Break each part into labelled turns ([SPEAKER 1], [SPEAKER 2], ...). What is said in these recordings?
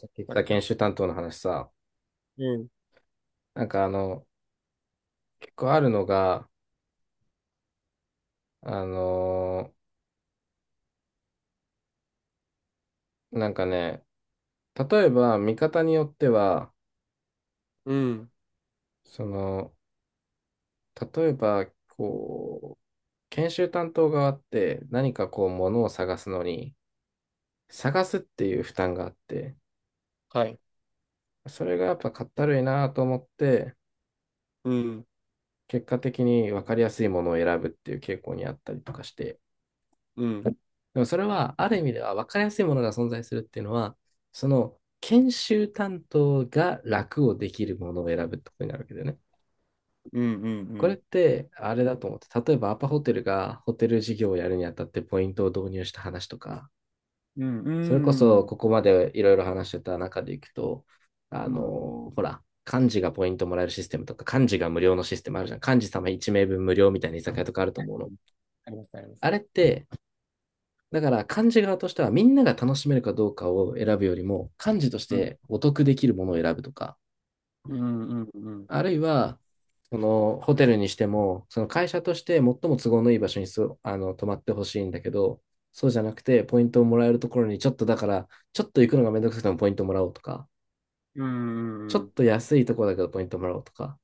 [SPEAKER 1] さっき言って
[SPEAKER 2] さっ
[SPEAKER 1] た
[SPEAKER 2] き
[SPEAKER 1] 研
[SPEAKER 2] の。
[SPEAKER 1] 修担当の話さ、
[SPEAKER 2] うん、
[SPEAKER 1] なんか結構あるのが、あのなんかね、例えば見方によっては、
[SPEAKER 2] うん、
[SPEAKER 1] その、例えば、研修担当側って何かこう、ものを探すのに、探すっていう負担があって、
[SPEAKER 2] はい。
[SPEAKER 1] それがやっぱかったるいなと思って、
[SPEAKER 2] うん、
[SPEAKER 1] 結果的に分かりやすいものを選ぶっていう傾向にあったりとかして、
[SPEAKER 2] うん、
[SPEAKER 1] でもそれは、ある意味では分かりやすいものが存在するっていうのは、その研修担当が楽をできるものを選ぶってことになるわけだよね。
[SPEAKER 2] うん、うん、う
[SPEAKER 1] これっ
[SPEAKER 2] ん、
[SPEAKER 1] て、あれだと思って、例えばアパホテルがホテル事業をやるにあたってポイントを導入した話とか、
[SPEAKER 2] うん、うん、う
[SPEAKER 1] それこ
[SPEAKER 2] ん、
[SPEAKER 1] そ
[SPEAKER 2] うん、
[SPEAKER 1] ここまでいろいろ話してた中でいくと、
[SPEAKER 2] うん、
[SPEAKER 1] ほら、幹事がポイントもらえるシステムとか、幹事が無料のシステムあるじゃん。幹事様1名分無料みたいな居酒屋とかあると
[SPEAKER 2] はい。
[SPEAKER 1] 思うの。
[SPEAKER 2] ありますね、ありま
[SPEAKER 1] あ
[SPEAKER 2] す。
[SPEAKER 1] れって、だから漢字側としてはみんなが楽しめるかどうかを選ぶよりも漢字とし
[SPEAKER 2] うん、
[SPEAKER 1] てお得できるものを選ぶとか、
[SPEAKER 2] うん、うん、うん、
[SPEAKER 1] あるいはそのホテルにしてもその会社として最も都合のいい場所にそあの泊まってほしいんだけど、そうじゃなくてポイントをもらえるところにちょっと行くのがめんどくさくてもポイントもらおうとか、
[SPEAKER 2] うん、う
[SPEAKER 1] ちょ
[SPEAKER 2] ん、う
[SPEAKER 1] っ
[SPEAKER 2] ん、
[SPEAKER 1] と安いところだけどポイントもらおうとか、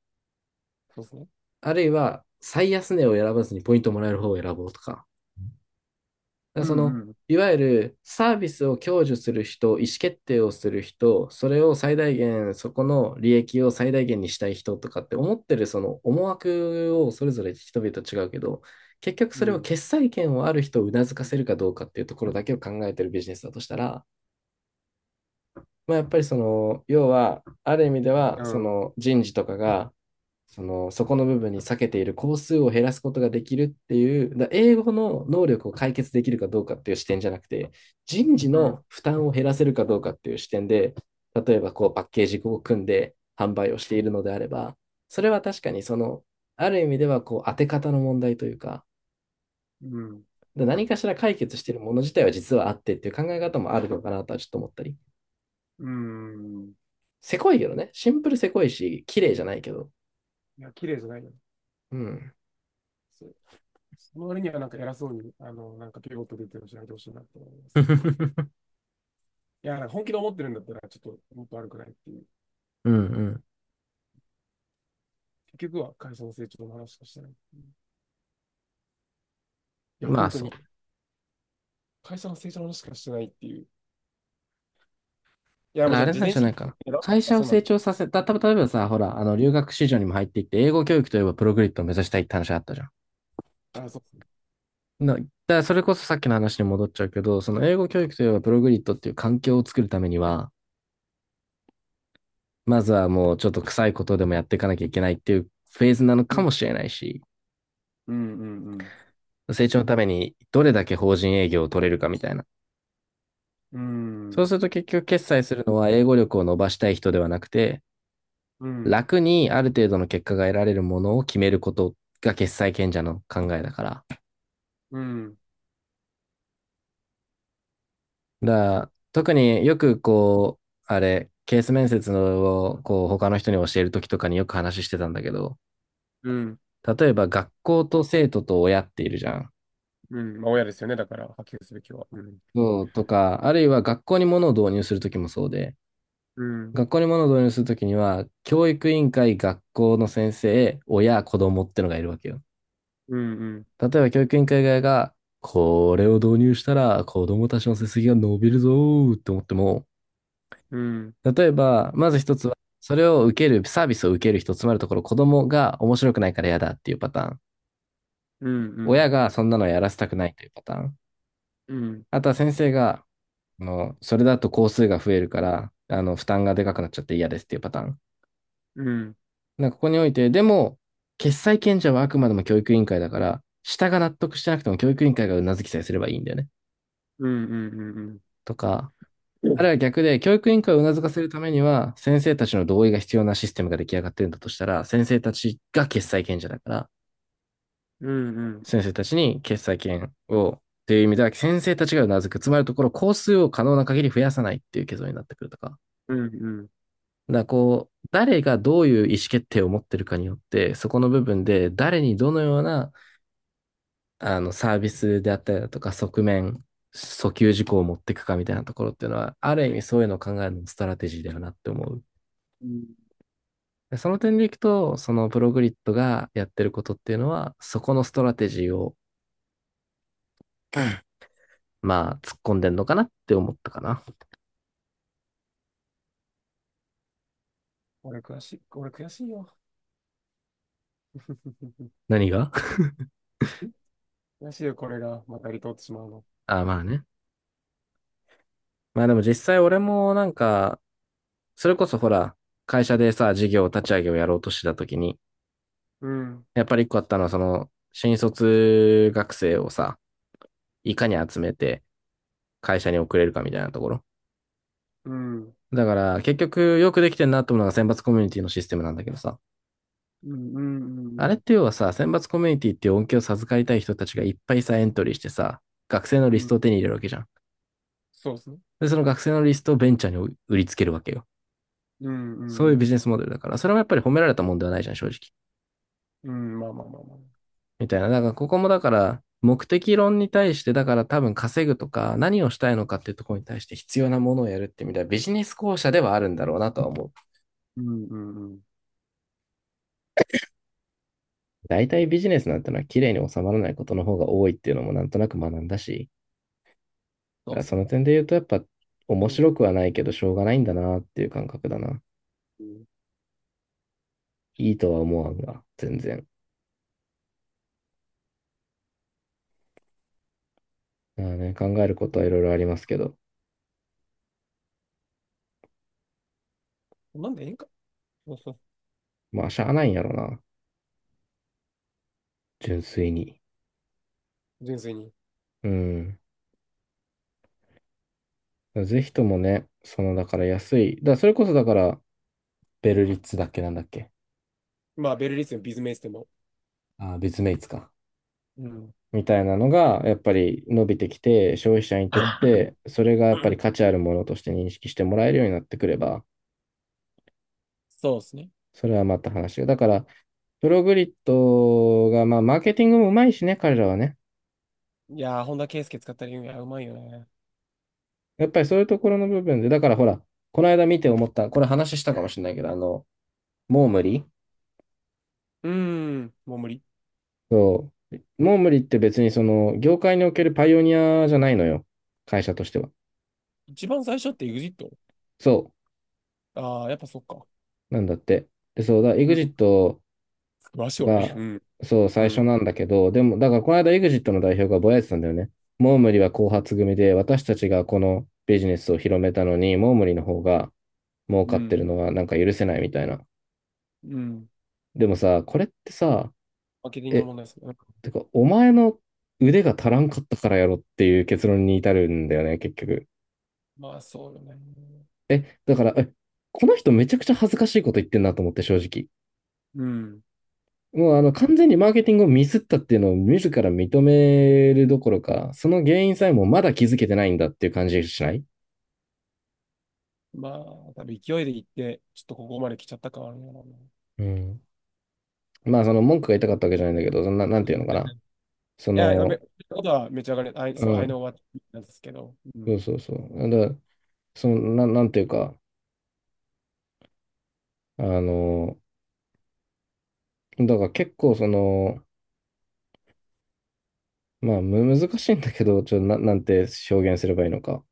[SPEAKER 2] そうですね。
[SPEAKER 1] あるいは最安値を選ばずにポイントもらえる方を選ぼうとか、だら
[SPEAKER 2] う
[SPEAKER 1] そ
[SPEAKER 2] ん、
[SPEAKER 1] の、
[SPEAKER 2] うん、
[SPEAKER 1] いわゆるサービスを享受する人、意思決定をする人、それを最大限、そこの利益を最大限にしたい人とかって思ってるその思惑をそれぞれ人々違うけど、結局そ
[SPEAKER 2] う
[SPEAKER 1] れを
[SPEAKER 2] ん、
[SPEAKER 1] 決裁権をある人をうなずかせるかどうかっていうところだけを考えてるビジネスだとしたら、まあ、やっぱり要は、ある意味で
[SPEAKER 2] みたい
[SPEAKER 1] は、
[SPEAKER 2] な。
[SPEAKER 1] そ
[SPEAKER 2] うん、
[SPEAKER 1] の人事とかが、そこの部分に避けている工数を減らすことができるっていう、英語の能力を解決できるかどうかっていう視点じゃなくて、人事
[SPEAKER 2] うん、
[SPEAKER 1] の負担を減らせるかどうかっていう視点で、例えばこうパッケージを組んで販売をしているのであれば、それは確かにある意味ではこう当て方の問題というか、
[SPEAKER 2] うん、
[SPEAKER 1] 何かしら解決しているもの自体は実はあってっていう考え方もあるのかなとはちょっと思ったり。
[SPEAKER 2] うん。
[SPEAKER 1] せこいけどね、シンプルせこいし、綺麗じゃないけど。
[SPEAKER 2] いや、綺麗じゃないよ。
[SPEAKER 1] うん。
[SPEAKER 2] そう。その割にはなんか偉そうに、なんかピボット出てるしないでほしいなと思います。いや、なんか本気で思ってるんだったら、ちょっともっと悪くないっていう。
[SPEAKER 1] うんうん。
[SPEAKER 2] 結局は会社の成長の話しかしてないっていう。いや、
[SPEAKER 1] まあ
[SPEAKER 2] 本当
[SPEAKER 1] そ
[SPEAKER 2] に。
[SPEAKER 1] う。
[SPEAKER 2] 会社の成長の話しかしてないっていう。いや、
[SPEAKER 1] だか
[SPEAKER 2] も
[SPEAKER 1] ら
[SPEAKER 2] ち
[SPEAKER 1] あ
[SPEAKER 2] ろん、
[SPEAKER 1] れ
[SPEAKER 2] 事
[SPEAKER 1] なん
[SPEAKER 2] 前
[SPEAKER 1] じ
[SPEAKER 2] 知
[SPEAKER 1] ゃな
[SPEAKER 2] 識
[SPEAKER 1] いかな。
[SPEAKER 2] だろ
[SPEAKER 1] 会
[SPEAKER 2] あ、
[SPEAKER 1] 社を
[SPEAKER 2] そうなん
[SPEAKER 1] 成
[SPEAKER 2] だ。
[SPEAKER 1] 長させた、例えばさ、ほら、留学市場にも入っていって、英語教育といえばプログリッドを目指したいって話あったじゃん。
[SPEAKER 2] あ、そうそ
[SPEAKER 1] だからそれこそさっきの話に戻っちゃうけど、その英語教育といえばプログリッドっていう環境を作るためには、まずはもうちょっと臭いことでもやっていかなきゃいけないっていうフェーズなの
[SPEAKER 2] う。う
[SPEAKER 1] か
[SPEAKER 2] ん。
[SPEAKER 1] もしれないし、
[SPEAKER 2] うん、うん、
[SPEAKER 1] 成長のためにどれだけ法人営業を取れるかみたいな。
[SPEAKER 2] う
[SPEAKER 1] そう
[SPEAKER 2] ん。
[SPEAKER 1] すると結局決済するのは英語力を伸ばしたい人ではなくて、
[SPEAKER 2] うん、うん、
[SPEAKER 1] 楽にある程度の結果が得られるものを決めることが決裁権者の考えだから。
[SPEAKER 2] うん、
[SPEAKER 1] だから特によくこう、ケース面接をこう他の人に教えるときとかによく話してたんだけど、
[SPEAKER 2] うん。
[SPEAKER 1] 例えば学校と生徒と親っているじゃん。
[SPEAKER 2] うん、まあ、親ですよね。だから、波及すべきは。うん、
[SPEAKER 1] そうとか、あるいは学校に物を導入するときもそうで、
[SPEAKER 2] うん、
[SPEAKER 1] 学校に物を導入するときには、教育委員会、学校の先生、親、子供ってのがいるわけよ。
[SPEAKER 2] うん、うん、
[SPEAKER 1] 例えば教育委員会側が、これを導入したら子供たちの成績が伸びるぞーって思っても、
[SPEAKER 2] うん、
[SPEAKER 1] 例えば、まず一つは、それを受ける、サービスを受ける人、つまるところ子供が面白くないから嫌だっていうパターン。
[SPEAKER 2] うん、う
[SPEAKER 1] 親
[SPEAKER 2] ん、
[SPEAKER 1] がそんなのやらせたくないというパターン。
[SPEAKER 2] うん、
[SPEAKER 1] あとは先生が、それだと工数が増えるから、負担がでかくなっちゃって嫌ですっていうパターン。
[SPEAKER 2] うん、うん、
[SPEAKER 1] なんかここにおいて、でも、決裁権者はあくまでも教育委員会だから、下が納得してなくても教育委員会がうなずきさえすればいいんだよね。
[SPEAKER 2] うん、うん、
[SPEAKER 1] とか、
[SPEAKER 2] う
[SPEAKER 1] ある
[SPEAKER 2] ん、
[SPEAKER 1] いは逆で、教育委員会をうなずかせるためには、先生たちの同意が必要なシステムが出来上がってるんだとしたら、先生たちが決裁権者だから、
[SPEAKER 2] うん、うん、
[SPEAKER 1] 先生たちに決裁権を、という意味では、先生たちがうなずく。つまりのところ、工数を可能な限り増やさないっていう結論になってくるとか。
[SPEAKER 2] うん。
[SPEAKER 1] だからこう、誰がどういう意思決定を持ってるかによって、そこの部分で、誰にどのような、サービスであったりだとか、側面、訴求事項を持っていくかみたいなところっていうのは、ある意味そういうのを考えるのもストラテジーだよなって思う。
[SPEAKER 2] うん。
[SPEAKER 1] でその点でいくと、そのプログリッドがやってることっていうのは、そこのストラテジーを、まあ、突っ込んでんのかなって思ったかな。
[SPEAKER 2] 俺悔しい、俺悔しいよ。
[SPEAKER 1] 何が？
[SPEAKER 2] 悔しいよ、これが、また離島ってしまうの。
[SPEAKER 1] あ、まあね。まあでも実際俺もなんか、それこそほら、会社でさ、事業立ち上げをやろうとした時に、
[SPEAKER 2] うん、
[SPEAKER 1] やっぱり一個あったのは、新卒学生をさ、いかに集めて会社に送れるかみたいなところ。
[SPEAKER 2] うん、うん、
[SPEAKER 1] だから、結局よくできてんなと思うのが選抜コミュニティのシステムなんだけどさ。
[SPEAKER 2] うん、うん、う
[SPEAKER 1] あれっ
[SPEAKER 2] ん。
[SPEAKER 1] て要はさ、選抜コミュニティっていう恩恵を授かりたい人たちがいっぱいさ、エントリーしてさ、学生の
[SPEAKER 2] う
[SPEAKER 1] リス
[SPEAKER 2] ん、
[SPEAKER 1] トを手に入れるわけじゃん。
[SPEAKER 2] そうですね。
[SPEAKER 1] で、その学生のリストをベンチャーに売りつけるわけよ。
[SPEAKER 2] うん、
[SPEAKER 1] そ
[SPEAKER 2] う
[SPEAKER 1] ういうビ
[SPEAKER 2] ん、
[SPEAKER 1] ジネスモデルだから、それもやっぱり褒められたもんではないじゃん、正直。
[SPEAKER 2] うん。うん、まあまあまあまあ。
[SPEAKER 1] みたいな。だから、ここもだから、目的論に対して、だから多分稼ぐとか、何をしたいのかっていうところに対して必要なものをやるってみたいなビジネス校舎ではあるんだろうなとは思う。
[SPEAKER 2] うん、うん、うん。
[SPEAKER 1] 大体ビジネスなんてのは綺麗に収まらないことの方が多いっていうのもなんとなく学んだし、だ
[SPEAKER 2] そ
[SPEAKER 1] か
[SPEAKER 2] う
[SPEAKER 1] ら
[SPEAKER 2] です
[SPEAKER 1] その
[SPEAKER 2] ね。
[SPEAKER 1] 点で言うと、やっぱ
[SPEAKER 2] そ
[SPEAKER 1] 面
[SPEAKER 2] うだ
[SPEAKER 1] 白く
[SPEAKER 2] ね。
[SPEAKER 1] はないけど、しょうがないんだなっていう感覚だな。いいとは思わんが、全然。だからね、考えることはいろいろありますけど、
[SPEAKER 2] うん、なんでええんか。そうそう、
[SPEAKER 1] まあ、しゃあないんやろな、純粋に。
[SPEAKER 2] 純粋に。
[SPEAKER 1] うん。ぜひともね、だから安い、だからそれこそだから、ベルリッツだっけなんだっけ、
[SPEAKER 2] まあ、ベルリスでもビズメイスでも。
[SPEAKER 1] あー、ビズメイツか。
[SPEAKER 2] うん。
[SPEAKER 1] みたいなのが、やっぱり伸びてきて、消費者にとって、それがやっぱり価値あるものとして認識してもらえるようになってくれば、
[SPEAKER 2] そうですね。
[SPEAKER 1] それはまた話が。だから、プログリッドが、まあ、マーケティングもうまいしね、彼らはね。
[SPEAKER 2] いやー、本田圭佑使った理由がうまいよね。
[SPEAKER 1] やっぱりそういうところの部分で、だからほら、この間見て思った、これ話したかもしれないけど、モームリ。
[SPEAKER 2] うーん、もう無理。
[SPEAKER 1] そう。モームリって別にその、業界におけるパイオニアじゃないのよ。会社としては。
[SPEAKER 2] 一番最初って e ジット。
[SPEAKER 1] そ
[SPEAKER 2] ああー、やっぱそっか。
[SPEAKER 1] う。なんだって。で、そうだ、エ
[SPEAKER 2] う
[SPEAKER 1] グ
[SPEAKER 2] ん、
[SPEAKER 1] ジット
[SPEAKER 2] 詳しい俺。
[SPEAKER 1] が、
[SPEAKER 2] うん、
[SPEAKER 1] そう、
[SPEAKER 2] う
[SPEAKER 1] 最初
[SPEAKER 2] ん、
[SPEAKER 1] なんだけど、でも、だからこの間エグジットの代表がぼやいてたんだよね。モームリは後発組で、私たちがこのビジネスを広めたのに、モームリの方が、儲
[SPEAKER 2] う
[SPEAKER 1] かってる
[SPEAKER 2] ん、
[SPEAKER 1] のがなんか許せないみたいな。
[SPEAKER 2] うん。
[SPEAKER 1] でもさ、これってさ、
[SPEAKER 2] マーケティングの
[SPEAKER 1] え、
[SPEAKER 2] 問題ですね。
[SPEAKER 1] てか、お前の腕が足らんかったからやろっていう結論に至るんだよね、結局。
[SPEAKER 2] まあ、そうよね。
[SPEAKER 1] だから、この人めちゃくちゃ恥ずかしいこと言ってんなと思って、正直。
[SPEAKER 2] うん。
[SPEAKER 1] もう完全にマーケティングをミスったっていうのを自ら認めるどころか、その原因さえもまだ気づけてないんだっていう感じしない？
[SPEAKER 2] まあ、多分勢いで行って、ちょっとここまで来ちゃった感あるんやろうな。
[SPEAKER 1] うん。まあその文句が言いたかったわけじゃないんだけど、そんな、なんていうのかな。そ
[SPEAKER 2] や、や
[SPEAKER 1] の、
[SPEAKER 2] め、ことはめちゃ上がり、あい
[SPEAKER 1] う
[SPEAKER 2] そう I know
[SPEAKER 1] ん、
[SPEAKER 2] what なんですけど。う
[SPEAKER 1] そう
[SPEAKER 2] ん。
[SPEAKER 1] そうそう。だからその、なんていうか、あの、だから結構その、まあ難しいんだけど、ちょっとなんて表現すればいいのか。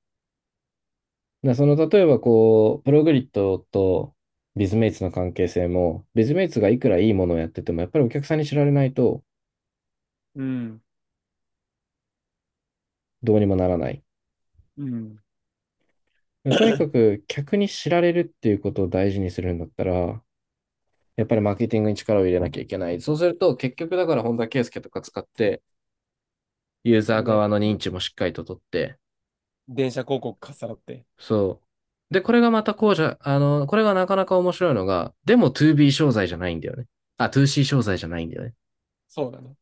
[SPEAKER 1] でその例えばこう、プログリッドとビズメイツの関係性も、ビズメイツがいくらいいものをやってても、やっぱりお客さんに知られないと
[SPEAKER 2] うん。
[SPEAKER 1] どうにもならない。
[SPEAKER 2] うん。
[SPEAKER 1] でとにか く客に知られるっていうことを大事にするんだったら、やっぱりマーケティングに力を入れなきゃいけない。そうすると結局だから本田圭佑とか使って、ユーザー
[SPEAKER 2] ね。
[SPEAKER 1] 側の認知もしっかりと取って、
[SPEAKER 2] 電車広告かっさらって。
[SPEAKER 1] そう。で、これがまたこうじゃ、これがなかなか面白いのが、でも 2B 商材じゃないんだよね。あ、2C 商材じゃないんだよね。
[SPEAKER 2] そうだね。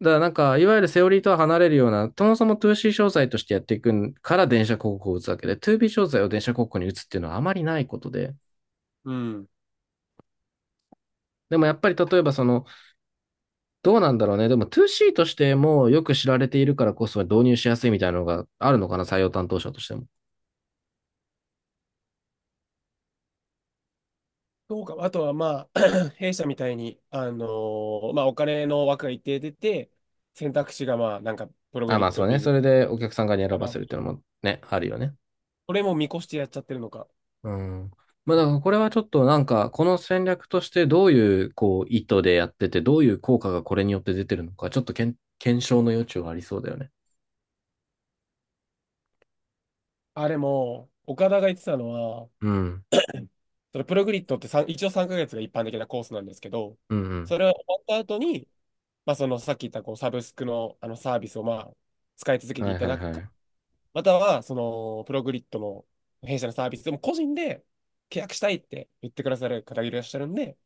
[SPEAKER 1] だからなんか、いわゆるセオリーとは離れるような、そもそも 2C 商材としてやっていくから電車広告を打つわけで、2B 商材を電車広告に打つっていうのはあまりないことで。
[SPEAKER 2] うん。
[SPEAKER 1] でもやっぱり例えばその、どうなんだろうね。でも 2C としてもよく知られているからこそ導入しやすいみたいなのがあるのかな、採用担当者としても。
[SPEAKER 2] そうか。あとはまあ、弊社みたいに、まあお金の枠が一定出て、選択肢がまあ、なんか、プログ
[SPEAKER 1] あ、
[SPEAKER 2] リ
[SPEAKER 1] ま
[SPEAKER 2] ッ
[SPEAKER 1] あそ
[SPEAKER 2] ド、
[SPEAKER 1] うね。
[SPEAKER 2] ビズ、
[SPEAKER 1] それでお客さん側に選
[SPEAKER 2] あ
[SPEAKER 1] ば
[SPEAKER 2] ま
[SPEAKER 1] せ
[SPEAKER 2] あ
[SPEAKER 1] るっていうのもね、あるよね。
[SPEAKER 2] これも見越してやっちゃってるのか。
[SPEAKER 1] うん。まあ、だからこれはちょっとなんか、この戦略としてどういう、こう、意図でやってて、どういう効果がこれによって出てるのか、ちょっと検証の余地はありそうだよね。
[SPEAKER 2] あれも、岡田が言ってたのは、
[SPEAKER 1] うん。
[SPEAKER 2] それプログリッドってさん一応3ヶ月が一般的なコースなんですけど、
[SPEAKER 1] うんうん。
[SPEAKER 2] それは終わった後に、まあ、そのさっき言ったこうサブスクのあのサービスをまあ使い続けて
[SPEAKER 1] は
[SPEAKER 2] い
[SPEAKER 1] い
[SPEAKER 2] た
[SPEAKER 1] はい
[SPEAKER 2] だく
[SPEAKER 1] は
[SPEAKER 2] か、
[SPEAKER 1] い。
[SPEAKER 2] またはそのプログリッドの弊社のサービスでも個人で契約したいって言ってくださる方がいらっしゃるんで、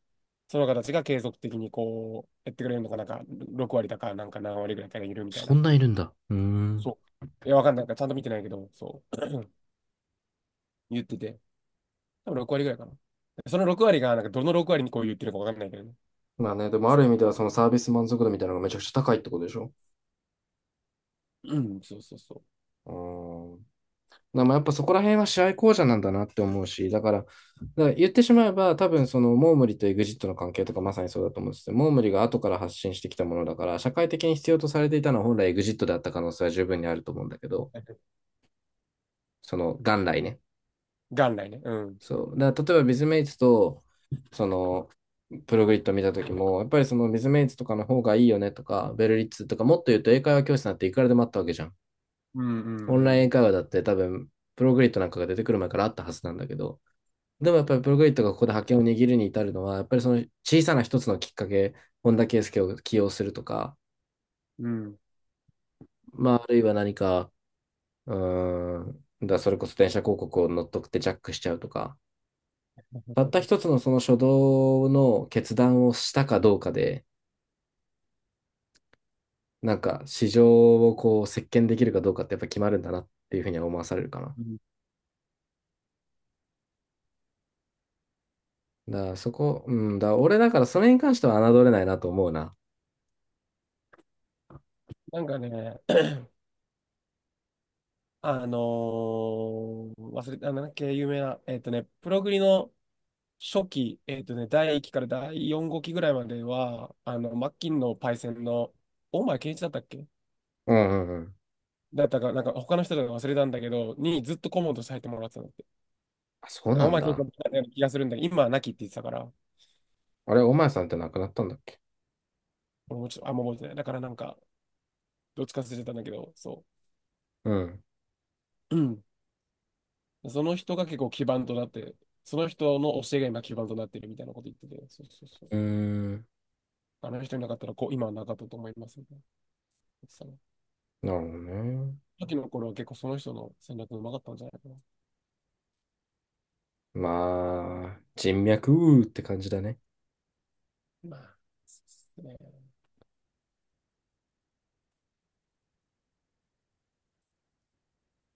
[SPEAKER 2] その方たちが継続的にこうやってくれるのかなんか、6割だかなんか何割ぐらいからいるみたい
[SPEAKER 1] そ
[SPEAKER 2] な。
[SPEAKER 1] んないるんだ。うーん。
[SPEAKER 2] そう。いや、わかんないからちゃんと見てないけど、そう。言ってて、多分6割ぐらいかな。その6割が、なんかどの6割にこう言ってるかわかんないけどね。
[SPEAKER 1] まあね、でもあ
[SPEAKER 2] そ
[SPEAKER 1] る意味ではそのサービス満足度みたいなのがめちゃくちゃ高いってことでしょ？
[SPEAKER 2] うん、そうそうそう。
[SPEAKER 1] うーん。まあやっぱそこら辺は試合巧者なんだなって思うし、だから言ってしまえば、多分そのモームリとエグジットの関係とかまさにそうだと思うんですよ。モームリが後から発信してきたものだから、社会的に必要とされていたのは本来エグジットであった可能性は十分にあると思うんだけど、その元来ね。
[SPEAKER 2] 元来ね。うん。
[SPEAKER 1] そう。だから例えばビズメイツと、その、プログリッド見た時も、やっぱりそのビズメイツとかの方がいいよねとか、ベルリッツとか、もっと言うと英会話教室なんていくらでもあったわけじゃん。
[SPEAKER 2] うん、うん、う
[SPEAKER 1] オ
[SPEAKER 2] ん、
[SPEAKER 1] ンライン
[SPEAKER 2] う
[SPEAKER 1] 英
[SPEAKER 2] ん。
[SPEAKER 1] 会話だって多分、プログリッドなんかが出てくる前からあったはずなんだけど、でもやっ
[SPEAKER 2] そ
[SPEAKER 1] ぱ
[SPEAKER 2] う
[SPEAKER 1] りプ
[SPEAKER 2] ね。
[SPEAKER 1] ログリッドがここで覇権を握るに至るのは、やっぱりその小さな一つのきっかけ、本田圭佑を起用するとか、
[SPEAKER 2] うん。
[SPEAKER 1] まあ、あるいは何か、うーん、それこそ電車広告を乗っ取ってジャックしちゃうとか、たった一つのその初動の決断をしたかどうかで、なんか市場をこう席巻できるかどうかってやっぱ決まるんだなっていうふうには思わされるかな。
[SPEAKER 2] うん。
[SPEAKER 1] だからそこ、うんだ、俺だからそれに関しては侮れないなと思うな。
[SPEAKER 2] なんかね、忘れた、あなんだっけ、有名な、プログリの初期、第1期から第4号機ぐらいまでは、マッキンのパイセンの、大前健一だったっけ
[SPEAKER 1] うんうんうん。
[SPEAKER 2] だったか、なんか他の人だか忘れたんだけど、にずっと顧問として入ってもらってたんだって。
[SPEAKER 1] あ、そうな
[SPEAKER 2] 大
[SPEAKER 1] ん
[SPEAKER 2] 前健一だ
[SPEAKER 1] だ。
[SPEAKER 2] ったような気がするんだけど、今はなきって言ってたから、
[SPEAKER 1] あれ、お前さんって亡くなったんだっけ？
[SPEAKER 2] 俺もちょっとあんま覚えてない。だからなんか、どっちか忘れてたんだけど、そ
[SPEAKER 1] うん。
[SPEAKER 2] う。うん。その人が結構基盤となって、その人の教えが今基盤となってるみたいなこと言ってて、そうそうそう。
[SPEAKER 1] うーん。
[SPEAKER 2] あの人いなかったらこう、今はなかったと思いますね。さ
[SPEAKER 1] なるほどね。
[SPEAKER 2] っきの頃は結構その人の戦略うまかったんじゃないかな。
[SPEAKER 1] まあ、人脈って感じだね。
[SPEAKER 2] まあ、そうですね。